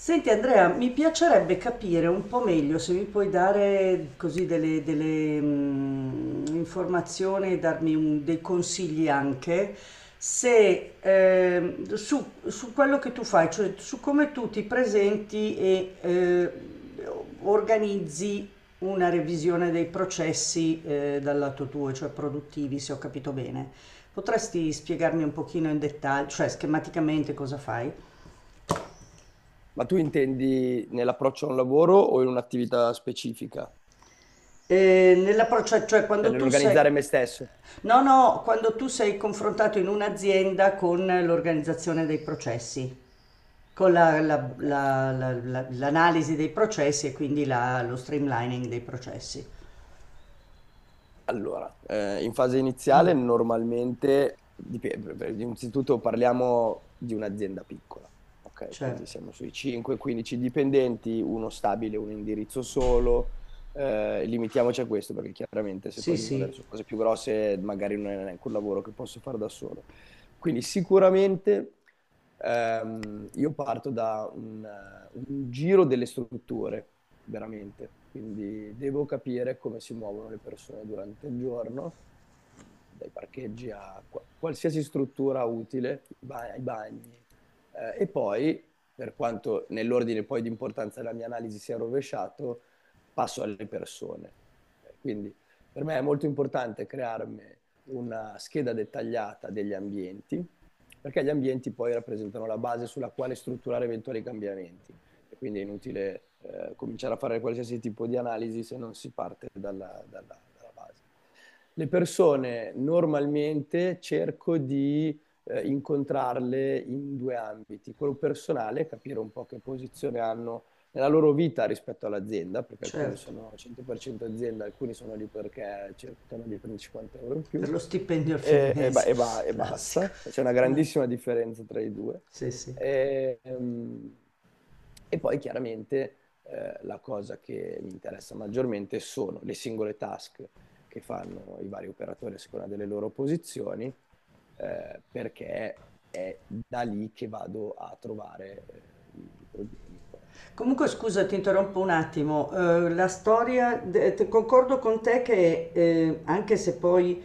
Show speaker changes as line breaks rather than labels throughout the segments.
Senti Andrea, mi piacerebbe capire un po' meglio se mi puoi dare così delle, informazioni e darmi dei consigli anche se, su quello che tu fai, cioè su come tu ti presenti e organizzi una revisione dei processi dal lato tuo, cioè produttivi, se ho capito bene. Potresti spiegarmi un pochino in dettaglio, cioè schematicamente cosa fai?
Ma tu intendi nell'approccio a un lavoro o in un'attività specifica?
Nell'approccio, cioè
Cioè
quando tu sei,
nell'organizzare me stesso?
no, no, quando tu sei confrontato in un'azienda con l'organizzazione dei processi, con
Ok.
l'analisi dei processi e quindi lo streamlining dei processi.
Allora, in fase iniziale normalmente, dipende, innanzitutto parliamo di un'azienda piccola, ok? Quindi
Certo,
siamo sui 5-15 dipendenti, uno stabile, un indirizzo solo, limitiamoci a questo perché chiaramente se poi
sì,
dobbiamo
sì,
andare su cose più grosse magari non è neanche un lavoro che posso fare da solo. Quindi sicuramente io parto da un giro delle strutture veramente. Quindi devo capire come si muovono le persone durante il giorno, mh, dai parcheggi a qualsiasi struttura utile, ai bagni. E poi, per quanto nell'ordine poi di importanza della mia analisi sia rovesciato, passo alle persone. Ok. Quindi per me è molto importante crearmi una scheda dettagliata degli ambienti, perché gli ambienti poi rappresentano la base sulla quale strutturare eventuali cambiamenti. E quindi è inutile cominciare a fare qualsiasi tipo di analisi se non si parte dalla base. Le persone normalmente cerco di incontrarle in due ambiti, quello personale, capire un po' che posizione hanno nella loro vita rispetto all'azienda, perché alcuni
certo,
sono 100% azienda, alcuni sono lì perché cercano di prendere 50 euro in
per
più,
lo stipendio al fine
e, e ba-
mese,
e ba- e
classico.
basta. E c'è una
Ah,
grandissima differenza tra i due.
sì, sì.
E, ehm, e poi chiaramente la cosa che mi interessa maggiormente sono le singole task che fanno i vari operatori a seconda delle loro posizioni, perché è da lì che vado a trovare i problemi. Poi andare
Comunque,
a...
scusa, ti interrompo un attimo. La storia, de- te- concordo con te che anche se poi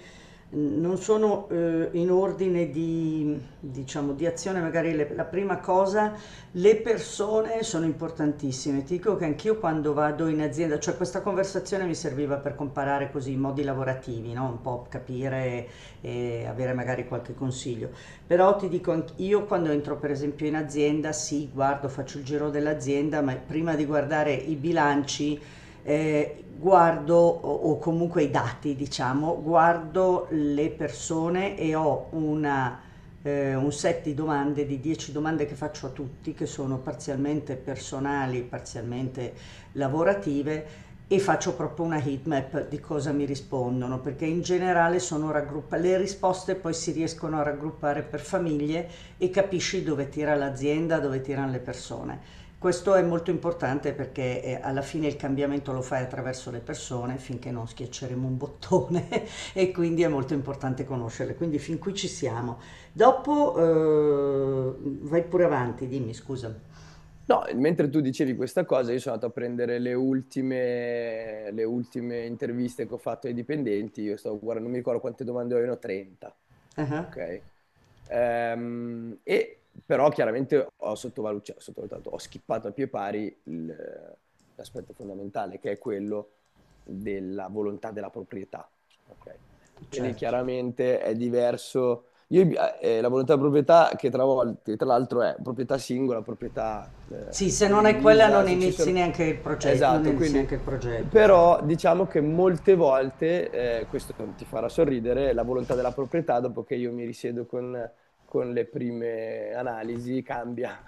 non sono in ordine di, diciamo, di azione, magari la prima cosa, le persone sono importantissime. Ti dico che anch'io quando vado in azienda, cioè questa conversazione mi serviva per comparare così i modi lavorativi, no? Un po' capire e avere magari qualche consiglio. Però ti dico, io quando entro per esempio in azienda, sì, guardo, faccio il giro dell'azienda, ma prima di guardare i bilanci, guardo o comunque i dati, diciamo, guardo le persone e ho un set di domande, di 10 domande che faccio a tutti, che sono parzialmente personali, parzialmente lavorative, e faccio proprio una heatmap di cosa mi rispondono, perché in generale sono le risposte poi si riescono a raggruppare per famiglie e capisci dove tira l'azienda, dove tirano le persone. Questo è molto importante perché alla fine il cambiamento lo fai attraverso le persone finché non schiacceremo un bottone e quindi è molto importante conoscerle. Quindi fin qui ci siamo. Dopo vai pure avanti, dimmi scusa.
No, mentre tu dicevi questa cosa, io sono andato a prendere le ultime interviste che ho fatto ai dipendenti. Io stavo guardando, non mi ricordo quante domande avevano, 30.
Ah,
Ok? E però chiaramente cioè, ho sottovalutato, ho schippato a pie pari l'aspetto fondamentale, che è quello della volontà della proprietà. Ok? Quindi
certo.
chiaramente è diverso, io, la volontà di proprietà, che che tra l'altro è proprietà singola, proprietà
Sì, se non hai quella
condivisa,
non
se ci
inizi
sono...
neanche il progetto, non
Esatto,
inizi
quindi...
neanche il progetto, certo.
Però diciamo che molte volte, questo ti farà sorridere, la volontà della proprietà, dopo che io mi risiedo con le prime analisi, cambia,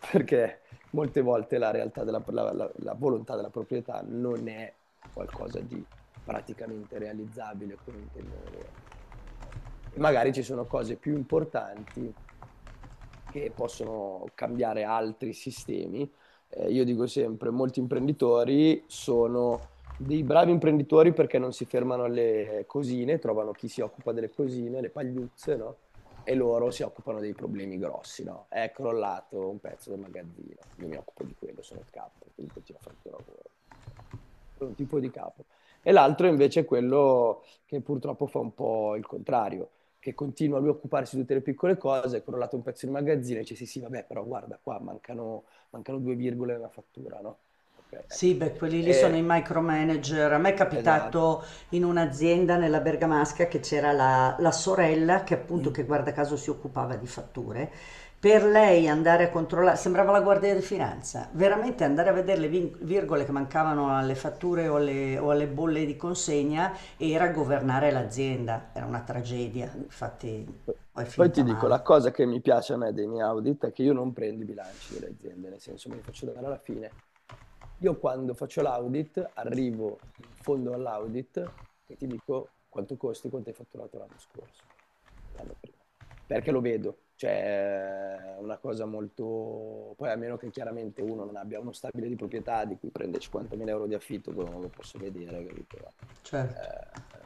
perché molte volte la realtà la volontà della proprietà non è qualcosa di praticamente realizzabile come intendono loro, e magari ci sono cose più importanti che possono cambiare altri sistemi. Io dico sempre, molti imprenditori sono dei bravi imprenditori perché non si fermano alle cosine, trovano chi si occupa delle cosine, le pagliuzze, no? E loro si occupano dei problemi grossi, no? È crollato un pezzo del magazzino, io mi occupo di quello, sono il capo, quindi continua a fare il tuo lavoro, per un tipo di capo. E l'altro invece è quello che purtroppo fa un po' il contrario, che continua lui a occuparsi di tutte le piccole cose, è crollato un pezzo di magazzino e dice sì sì vabbè però guarda qua mancano, mancano due virgole nella fattura, no? Ok, ecco.
Sì, beh, quelli lì sono i
E-
micromanager. A me è
esatto.
capitato in un'azienda nella Bergamasca che c'era la sorella che appunto, che guarda caso si occupava di fatture. Per lei andare a controllare, sembrava la guardia di finanza, veramente andare a vedere le virgole che mancavano alle fatture o alle bolle di consegna era governare l'azienda. Era una tragedia, infatti poi è
Poi ti
finita
dico,
male,
la cosa che mi piace a me dei miei audit è che io non prendo i bilanci delle aziende, nel senso me li faccio dare alla fine. Io quando faccio l'audit arrivo in fondo all'audit e ti dico quanto costi, quanto hai fatturato l'anno scorso e l'anno prima. Perché lo vedo, cioè è una cosa molto... Poi a meno che chiaramente uno non abbia uno stabile di proprietà di cui prende 50.000 euro di affitto, quello non lo posso vedere, capito?
certo.
Eh,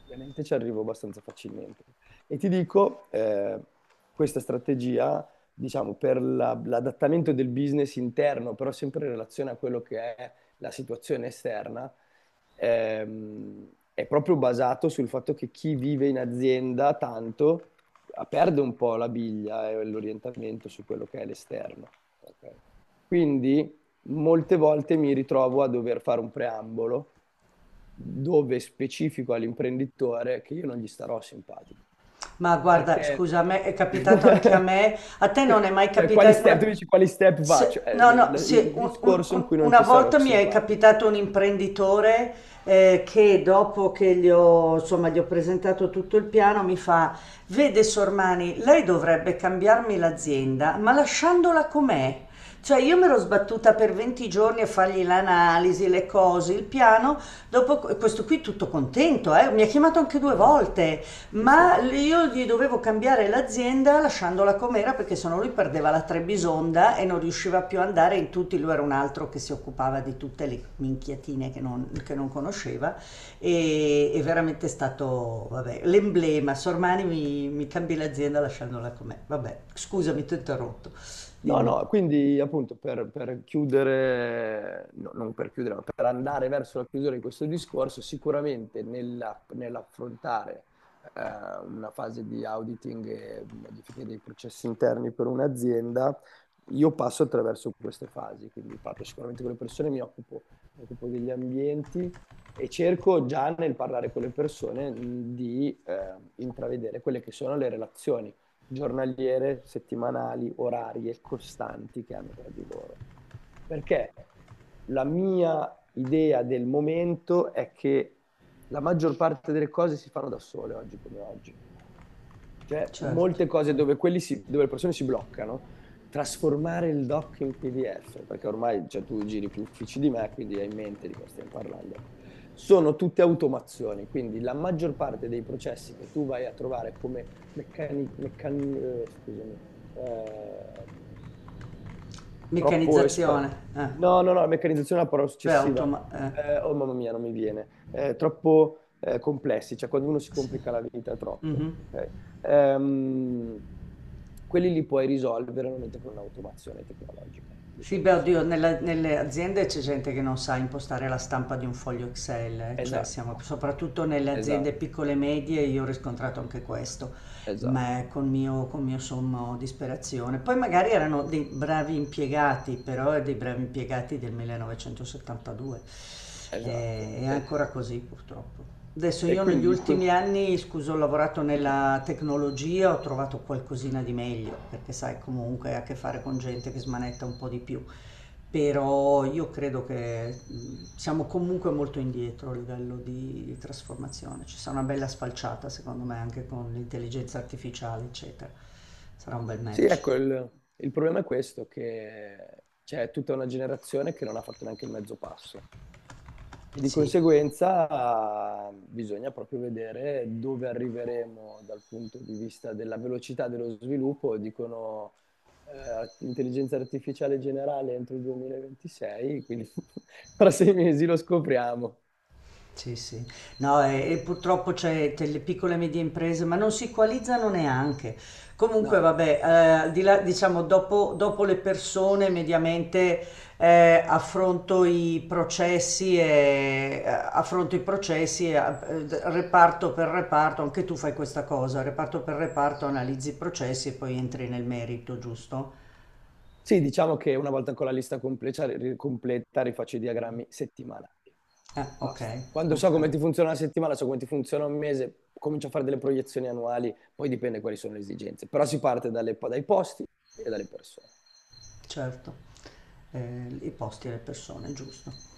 Ovviamente ci arrivo abbastanza facilmente. E ti dico, questa strategia, diciamo, per l'adattamento del business interno, però sempre in relazione a quello che è la situazione esterna, ehm, è proprio basato sul fatto che chi vive in azienda tanto, ah, perde un po' la biglia e l'orientamento su quello che è l'esterno. Ok? Quindi molte volte mi ritrovo a dover fare un preambolo dove specifico all'imprenditore che io non gli starò simpatico.
Ma guarda,
Perché,
scusa, a me è capitato anche a me. A te non è mai
cioè, quali
capitato
step, tu
una.
dici quali step faccio? È
No, no, se
il
un-
discorso in
un-
cui non
una
ti sarò
volta mi è
simpatico.
capitato un imprenditore che dopo che gli ho, insomma, gli ho presentato tutto il piano mi fa, vede Sormani, lei dovrebbe cambiarmi l'azienda, ma lasciandola com'è. Cioè io mi ero sbattuta per 20 giorni a fargli l'analisi, le cose, il piano, dopo questo qui tutto contento, mi ha chiamato anche due volte.
Sì, sì.
Ma io gli dovevo cambiare l'azienda lasciandola com'era perché sennò lui perdeva la Trebisonda e non riusciva più ad andare in tutti, lui era un altro che si occupava di tutte le minchiatine che non conosceva, e è veramente stato, vabbè, l'emblema, Sormani mi cambi l'azienda lasciandola com'è, vabbè, scusami ti ho
Esatto.
interrotto,
No, no,
dimmi,
quindi appunto per chiudere, no, non per chiudere, ma per andare verso la chiusura di questo discorso, sicuramente nell'affrontare eh, una fase di auditing e modifiche dei processi interni per un'azienda, io passo attraverso queste fasi, quindi parlo sicuramente con le persone, mi occupo degli ambienti e cerco già nel parlare con le persone, di intravedere quelle che sono le relazioni giornaliere, settimanali, orarie, costanti che hanno tra di loro. Perché la mia idea del momento è che la maggior parte delle cose si fanno da sole oggi come oggi. Cioè,
certo,
molte cose
eh.
dove, dove le persone si bloccano, trasformare il doc in PDF, perché ormai, cioè, tu giri più uffici di me, quindi hai in mente di cosa stiamo parlando. Ecco. Sono tutte automazioni, quindi la maggior parte dei processi che tu vai a trovare come meccani, meccan- scusami, eh, troppo...
Meccanizzazione, eh.
No, no, no, meccanizzazione è la parola
Beh,
successiva. Oh mamma mia, non mi viene. Troppo complessi, cioè quando uno si
sì.
complica la vita troppo,
Mhm.
ok? Ehm, Quelli li puoi risolvere veramente con un'automazione tecnologica di
Sì, beh,
qualche
oddio,
sorta.
nelle aziende c'è gente che non sa impostare la stampa di un foglio Excel, cioè
Esatto,
siamo soprattutto nelle aziende
esatto,
piccole e medie, io ho riscontrato anche questo
esatto,
ma con mio sommo disperazione. Poi magari erano dei bravi impiegati, però dei bravi impiegati del 1972.
esatto.
È ancora così purtroppo. Adesso
E
io negli
quindi...
ultimi anni, scusa, ho lavorato nella tecnologia, ho trovato qualcosina di meglio, perché sai, comunque hai a che fare con gente che smanetta un po' di più. Però io credo che, siamo comunque molto indietro a livello di trasformazione. Ci sarà una bella sfalciata secondo me anche con l'intelligenza artificiale, eccetera. Sarà un bel
Sì,
match,
ecco, il problema è questo, che c'è tutta una generazione che non ha fatto neanche il mezzo passo. E di
sì.
conseguenza bisogna proprio vedere dove arriveremo dal punto di vista della velocità dello sviluppo. Dicono intelligenza artificiale generale entro il 2026, quindi fra 6 mesi lo scopriamo.
Sì, sì. No, e purtroppo le piccole e medie imprese, ma non si equalizzano neanche. Comunque,
No,
vabbè, al di là, diciamo, dopo le persone, mediamente affronto i processi reparto per reparto, anche tu fai questa cosa, reparto per reparto, analizzi i processi e poi entri nel merito, giusto?
sì, diciamo che una volta con la lista completa, completa, rifaccio i diagrammi settimanali.
Ok,
Basta. Quando so
ok,
come ti funziona una settimana, so come ti funziona un mese, comincio a fare delle proiezioni annuali, poi dipende quali sono le esigenze. Però si parte dai posti e dalle persone.
certo. I posti e le persone, giusto.